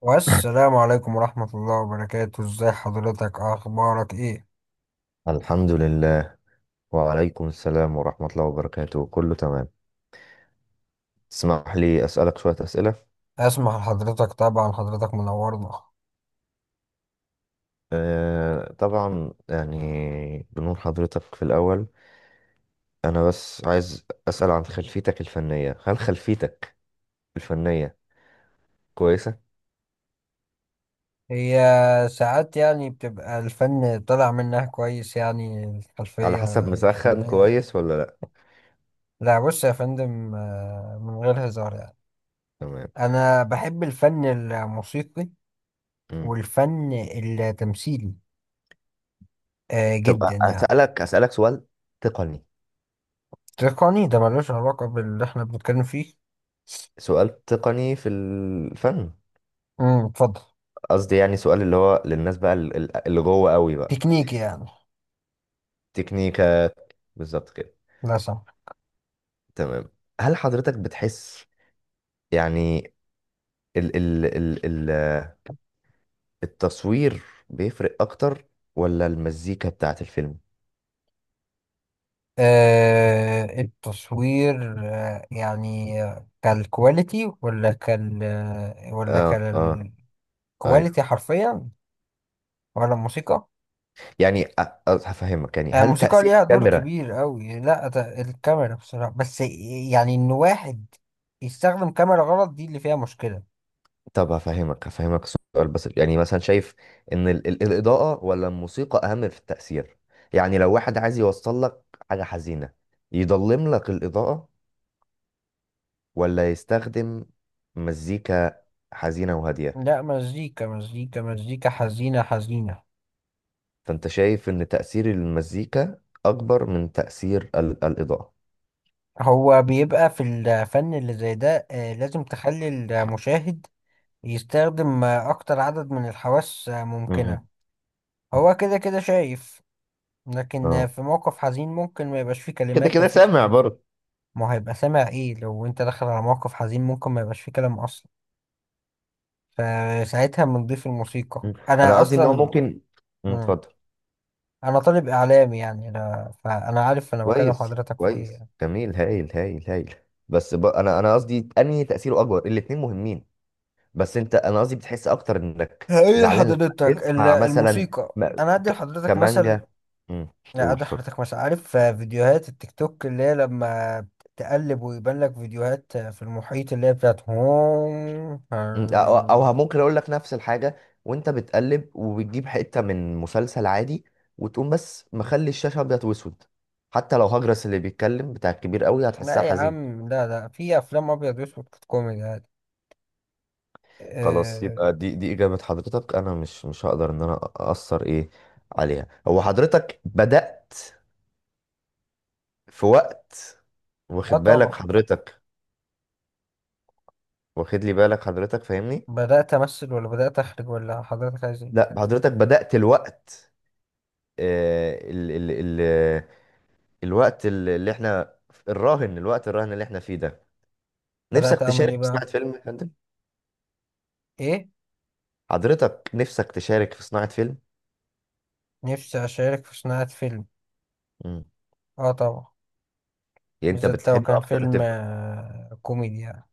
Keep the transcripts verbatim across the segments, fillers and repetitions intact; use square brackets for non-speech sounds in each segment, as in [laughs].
والسلام عليكم ورحمة الله وبركاته ازاي حضرتك؟ اخبارك ايه؟ الحمد لله. وعليكم السلام ورحمة الله وبركاته، كله تمام. تسمح لي أسألك شوية أسئلة؟ اسمح لحضرتك طبعا، حضرتك منورنا. أه، طبعا، يعني بنور حضرتك في الأول. أنا بس عايز أسأل عن خلفيتك الفنية. هل خلفيتك الفنية كويسة؟ هي ساعات يعني بتبقى الفن طالع منها كويس، يعني على الخلفية حسب، مسخن الفنية. كويس ولا لأ؟ لا بص يا فندم، آه، من غير هزار يعني. تمام. انا بحب الفن الموسيقي مم. والفن التمثيلي آه، طب جدا يعني. أسألك أسألك سؤال تقني. تقني؟ ده ملوش علاقة باللي احنا بنتكلم فيه. سؤال تقني في الفن. امم اتفضل. قصدي يعني سؤال اللي هو للناس بقى، ال- ال- اللي جوه قوي بقى. تكنيكي يعني. تكنيكا، بالظبط كده. لا سمح. تمام. هل حضرتك بتحس يعني ال ال ال ال التصوير بيفرق اكتر ولا المزيكا بتاعت الفيلم؟ آه التصوير آه يعني كالكواليتي ولا كال ولا اه، اه، كالكواليتي ايوه. حرفيا، ولا الموسيقى؟ يعني أ- أ- هفهمك، يعني آه هل الموسيقى تأثير ليها دور الكاميرا؟ كبير قوي، لا ده الكاميرا بصراحة، بس يعني ان واحد يستخدم كاميرا غلط، دي اللي فيها مشكلة. طب هفهمك هفهمك سؤال بس، يعني مثلا شايف ان ال ال الإضاءة ولا الموسيقى اهم في التأثير؟ يعني لو واحد عايز يوصل لك حاجة حزينة، يضلم لك الإضاءة ولا يستخدم مزيكا حزينة وهادية؟ لا، مزيكا مزيكا مزيكا حزينة حزينة. فأنت شايف إن تأثير المزيكا أكبر من تأثير ال- الإضاءة. هو بيبقى في الفن اللي زي ده، آه لازم تخلي المشاهد يستخدم آه، أكتر عدد من الحواس آه، ممكنة. مم. هو كده كده شايف. لكن اه، في موقف حزين ممكن ما يبقاش فيه كده كلمات، ما كده فيش سامع حاجة. برضه. ما هو هيبقى سامع ايه؟ لو انت داخل على موقف حزين ممكن ما يبقاش فيه كلام اصلا، فساعتها بنضيف الموسيقى مم. أنا انا قصدي إن هو اصلا. ممكن. مم، مم. اتفضل. انا طالب اعلامي يعني، انا فانا عارف انا بكلم كويس، حضرتك في ايه كويس، يعني. جميل، هايل، هايل، هايل. بس ب... أنا أنا قصدي أنهي تأثيره أكبر. الاتنين مهمين، بس أنت، أنا قصدي، بتحس أكتر إنك هقول زعلان لما لحضرتك ال- تسمع مثلا الموسيقى، م- انا ادي ك... لحضرتك مثل. كمانجا. مم. لا، قول، ادي اتفضل. لحضرتك مثل، عارف في فيديوهات التيك توك اللي هي لما تقلب ويبان لك فيديوهات في المحيط اللي هي بتاعت هوم. مم. او أو ه- ممكن اقول لك نفس الحاجه وانت بتقلب وبتجيب حته من مسلسل عادي، وتقوم بس مخلي الشاشه ابيض واسود، حتى لو هجرس اللي بيتكلم بتاع الكبير قوي هتحسها لا يا حزين. عم، لا، لا، في افلام ابيض واسود كانت كوميدي عادي. خلاص، اه. يبقى دي دي اجابه حضرتك. انا مش مش هقدر ان انا اثر ايه عليها. هو حضرتك بدات في وقت، آه واخد بالك طبعا. حضرتك؟ واخد لي بالك حضرتك؟ فاهمني؟ بدات امثل ولا بدات اخرج ولا حضرتك عايز ايه؟ لا، حضرتك بدات الوقت، آه، ال- ال- ال- الوقت اللي اللي احنا. الراهن، الوقت الراهن اللي احنا فيه ده، نفسك بدات اعمل تشارك ايه في صناعة بقى؟ فيلم يا فندم؟ ايه؟ حضرتك نفسك تشارك في صناعة فيلم. نفسي اشارك في صناعه فيلم. مم. اه طبعا. يعني انت بالذات لو بتحب كان اكتر فيلم تبقى. آه كوميدي يعني.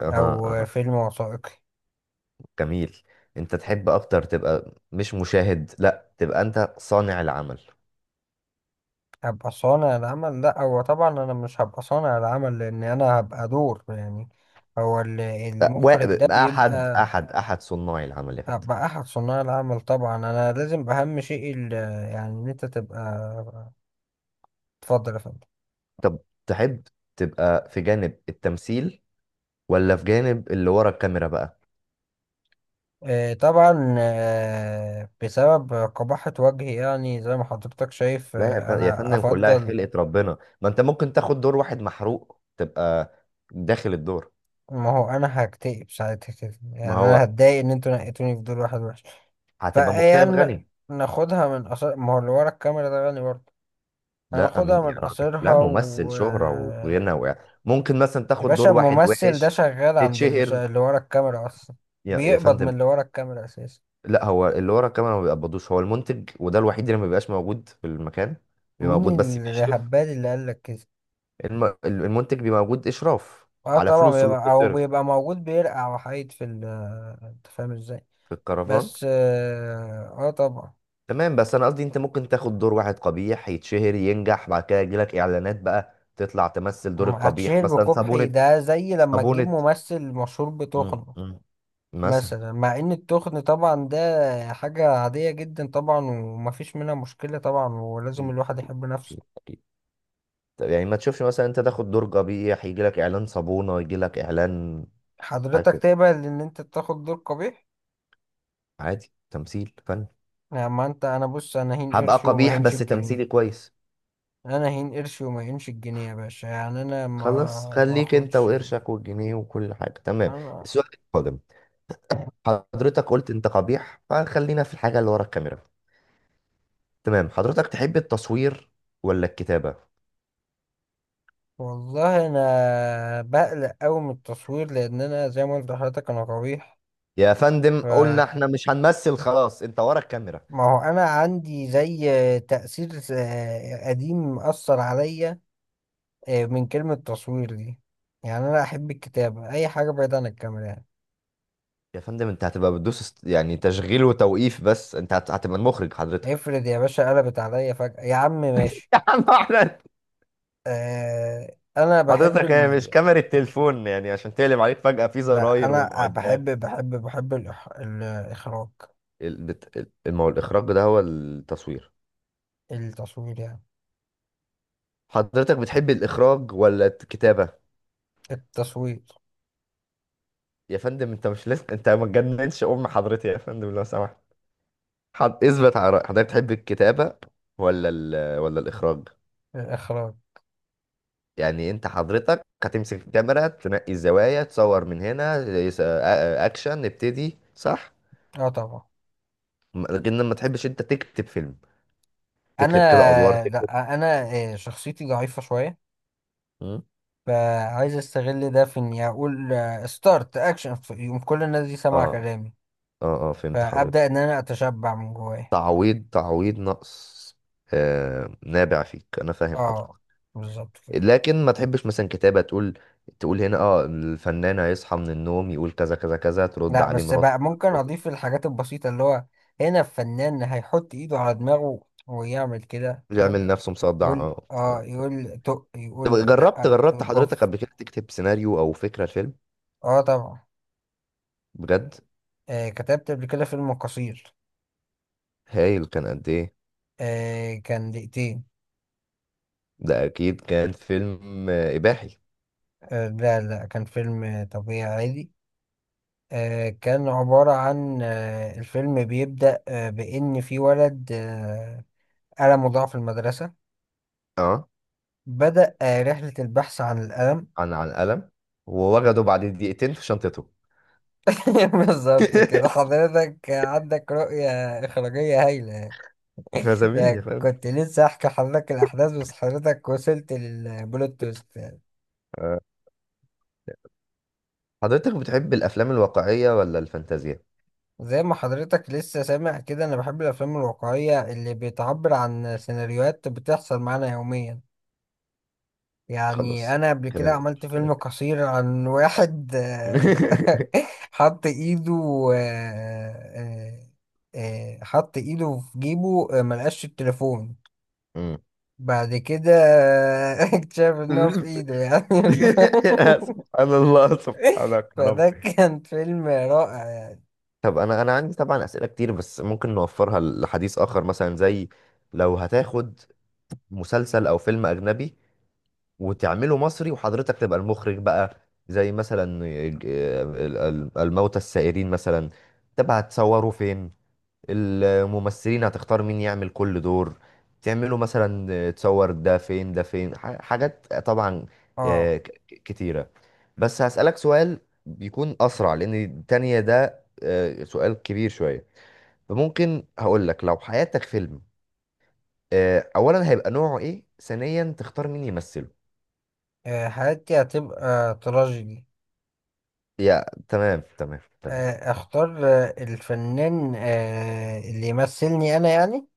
اها، او آه، اها، فيلم وثائقي. جميل. انت تحب اكتر تبقى مش مشاهد؟ لا، تبقى انت صانع العمل. هبقى صانع العمل؟ لا، هو طبعا انا مش هبقى صانع العمل لان انا هبقى دور يعني، هو اللي- أ- و- المخرج ده احد بيبقى. احد احد صناع العمل يا فندم. ابقى احد صناع العمل طبعا، انا لازم اهم شيء ال- يعني ان انت تبقى. اتفضل يا فندم. طب تحب تبقى في جانب التمثيل ولا في جانب اللي ورا الكاميرا بقى؟ آه، طبعا، آه، بسبب قباحة وجهي يعني، زي ما حضرتك شايف، لا يا آه، فن- يا انا فندم، كلها افضل. خلقة ربنا. ما انت ممكن تاخد دور واحد محروق تبقى داخل الدور. ما هو انا هكتئب ساعتها كده يعني، ما انا هو هتضايق ان انتوا نقيتوني في دور واحد وحش. هتبقى مكتئب فيعني غني. ناخدها من قصر، ما هو اللي ورا الكاميرا ده غني برضه. لا، امين هناخدها يا من راجل. قصرها لا، ممثل و شهرة آه، وغنى و... ممكن مثلا يا تاخد باشا دور واحد الممثل ده وحش، شغال عند اللي, تتشهر شا... اللي ورا الكاميرا اصلا. يا يا بيقبض من فندم. اللي ورا الكاميرا اساسا. لا، هو اللي ورا الكاميرا ما بيقبضوش. هو المنتج، وده الوحيد اللي ما بيبقاش موجود في المكان. بيبقى موجود مين بس بيشرف. الهبال اللي قال لك كده؟ الم... المنتج بيبقى موجود اشراف اه على طبعا فلوسه اللي بيبقى او بتتصرف بيبقى موجود، بيرقع وحيد في ال. انت فاهم ازاي؟ في الكرفان. بس اه، آه طبعا. تمام. بس انا قصدي انت ممكن تاخد دور واحد قبيح يتشهر، ينجح، بعد كده يجيلك اعلانات، بقى تطلع تمثل دور القبيح، هتشهر مثلا بكبحي؟ صابونة. ده زي لما تجيب صابونة. ممثل مشهور مم، بتخنه. مم. مثلا. مثلا، مع ان التخن طبعا ده حاجة عادية جدا طبعا، ومفيش منها مشكلة طبعا، ولازم أكيد، الواحد أكيد، يحب نفسه. أكيد، أكيد. طب يعني ما تشوفش مثلا انت تاخد دور قبيح يجيلك اعلان صابونة، يجيلك اعلان حاجة حضرتك كده. تقبل ان انت تاخد دور قبيح؟ عادي، تمثيل فن. يا ما انت، انا بص، انا هين هبقى قرشي وما قبيح هينش بس تمثيلي الجنيه. كويس. انا هين قرشي وما هينش الجنيه يا باشا، يعني انا ما خلاص، ما خليك انت اخدش وقرشك والجنيه وكل حاجة، تمام. انا. السؤال القادم: حضرتك قلت انت قبيح، فخلينا في الحاجة اللي ورا الكاميرا. تمام، حضرتك تحب التصوير ولا الكتابة؟ والله انا بقلق قوي من التصوير لان انا زي ما قلت لحضرتك انا قبيح. يا فندم فما قلنا احنا مش هنمثل خلاص، انت ورا الكاميرا. هو انا عندي زي تأثير آه، قديم مأثر عليا آه، من كلمة تصوير دي. يعني انا احب الكتابة، اي حاجة بعيد عن الكاميرا يعني. يا فندم انت هتبقى بتدوس است- يعني تشغيل وتوقيف. بس انت هت- هتبقى المخرج حضرتك. افرض يا باشا قلبت عليا فجأة، يا عم [laughs] ماشي. يا عم احمد، آه، انا بحب، حضرتك هي مش كاميرا التليفون يعني عشان تقلب عليك فجأة في لا زراير انا بحب ومعدات. بحب بحب الإخ... الاخراج. ال- بت- ال- ما هو الإخراج ده هو التصوير. التصوير يعني. حضرتك بتحب الإخراج ولا الكتابة؟ التصوير. يا فندم انت مش لسه، انت ما تجننش أم حضرتي يا فندم لو سمحت. حض... اثبت على رأيك. حضرتك تحب الكتابة ولا ال... ولا الإخراج؟ الاخراج. يعني انت حضرتك هتمسك الكاميرا، تنقي الزوايا، تصور من هنا، يس- أ- أ- اكشن نبتدي، صح؟ اه طبعا. م- لكن ما تحبش انت تكتب فيلم؟ انا، تكتب كده ادوار، تكتب. لا انا، آه، شخصيتي ضعيفه شويه. م? فعايز استغل ده في اني اقول ستارت اكشن، يقوم كل الناس دي سامعه اه، كلامي. اه، اه، فهمت حضرتك. فابدا ان انا اتشبع من جوايا. تعويض، تعويض نقص. آه، نابع فيك، انا فاهم حضرتك. اه بالظبط كده. لكن ما تحبش مثلا كتابة تقول تقول هنا اه الفنان هيصحى من النوم، يقول كذا كذا كذا، ترد لا عليه بس مراته. بقى ممكن اضيف الحاجات البسيطه، اللي هو هنا الفنان هيحط ايده على دماغه ويعمل كده. يعمل نفسه مصدع، يقول اه تمام. اه، يقول تق، طب يقول جربت لا، جربت يقول حضرتك اوف. قبل كده تكتب سيناريو او فكرة الفيلم؟ اه طبعا. بجد؟ آه كتبت قبل كده فيلم قصير. هايل، كان قد ايه؟ آه كان دقيقتين. ده اكيد كان فيلم آه، اباحي. آه لا، لا، كان فيلم آه، طبيعي عادي. آه كان عبارة عن آه الفيلم بيبدأ آه بإن في ولد آه ألمه ضاع في المدرسة. اه، بدأ آه رحلة البحث عن الألم. عن عن قلم. ووجده بعد دقيقتين في شنطته. [laughs] بالظبط كده، حضرتك عندك رؤية إخراجية هايلة. [laughs] يا زميلي ده فاهم. كنت لسه احكي حضرتك الاحداث، بس حضرتك وصلت للبلوت تويست يعني. آه. حضرتك بتحب الافلام الواقعية ولا الفانتازيا؟ زي ما حضرتك لسه سامع كده، انا بحب الافلام الواقعيه اللي بتعبر عن سيناريوهات بتحصل معانا يوميا. يعني خلاص، انا قبل كده كلام، عملت كلام. فيلم قصير عن واحد، آه، [laughs] [laughs] حط ايده آه، آه، آه، حط ايده في جيبه، آه، ملقاش التليفون. مم. بعد كده [laughs] اكتشف ان هو في ايده [laughs] يعني. [laughs] سبحان الله، [laughs] سبحانك يا رب. فده كان فيلم رائع يعني. طب انا انا عندي طبعا اسئله كتير بس ممكن نوفرها لحديث اخر، مثلا زي لو هتاخد مسلسل او فيلم اجنبي وتعمله مصري وحضرتك تبقى المخرج بقى، زي مثلا ج- ال- ال- الموتى السائرين مثلا، تبقى هتصوره فين؟ الممثلين هتختار مين يعمل كل دور؟ تعمله مثلا، تصور ده فين ده فين، ح- حاجات طبعا اه. آه، ك- كتيرة. بس هسألك سؤال بيكون أسرع لأن التانية ده آه، سؤال كبير شوية. فممكن هقول لك لو حياتك فيلم، آه، اولا هيبقى نوعه ايه، ثانيا تختار مين يمثله؟ آه، حياتي هتبقى تراجيدي. يا، تمام، تمام، تمام. آه، ماشي. اختار آه، الفنان آه، اللي يمثلني انا يعني.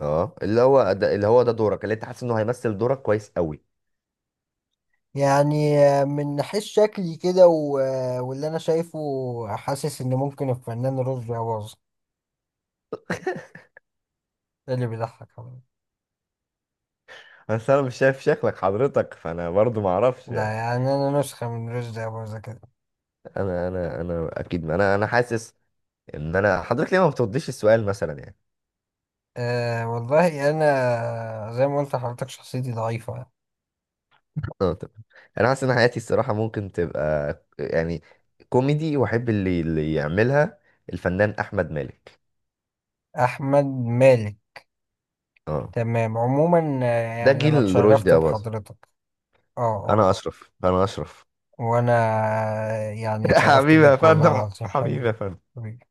اه، اللي هو ده اللي هو ده دورك اللي انت حاسس انه هيمثل دورك كويس قوي. يعني آه، من ناحية شكلي كده و- آه، واللي انا شايفه. حاسس ان ممكن الفنان رشدي أباظة. ده اللي بيضحك أوي. بس انا مش شايف شكلك حضرتك، فانا برضو ما اعرفش ده يعني. يعني انا نسخة من رشدي أباظة كده. انا انا انا اكيد انا انا حاسس ان انا حضرتك ليه ما بترديش السؤال مثلا يعني. أه والله انا زي ما قلت لحضرتك شخصيتي ضعيفة يعني. اه، تمام. انا حاسس ان حياتي الصراحه ممكن تبقى يعني كوميدي، واحب اللي اللي يعملها الفنان احمد مالك. احمد مالك. اه. تمام عموما، آه، ده يعني انا جيل اتشرفت رشدي اباظة. بحضرتك. اه، انا اه، اشرف، انا اشرف. وانا، آه، يعني [laughs] اتشرفت حبيبي يا بيك والله فندم، العظيم حبيبي حبيبي. يا فندم. حبيبي.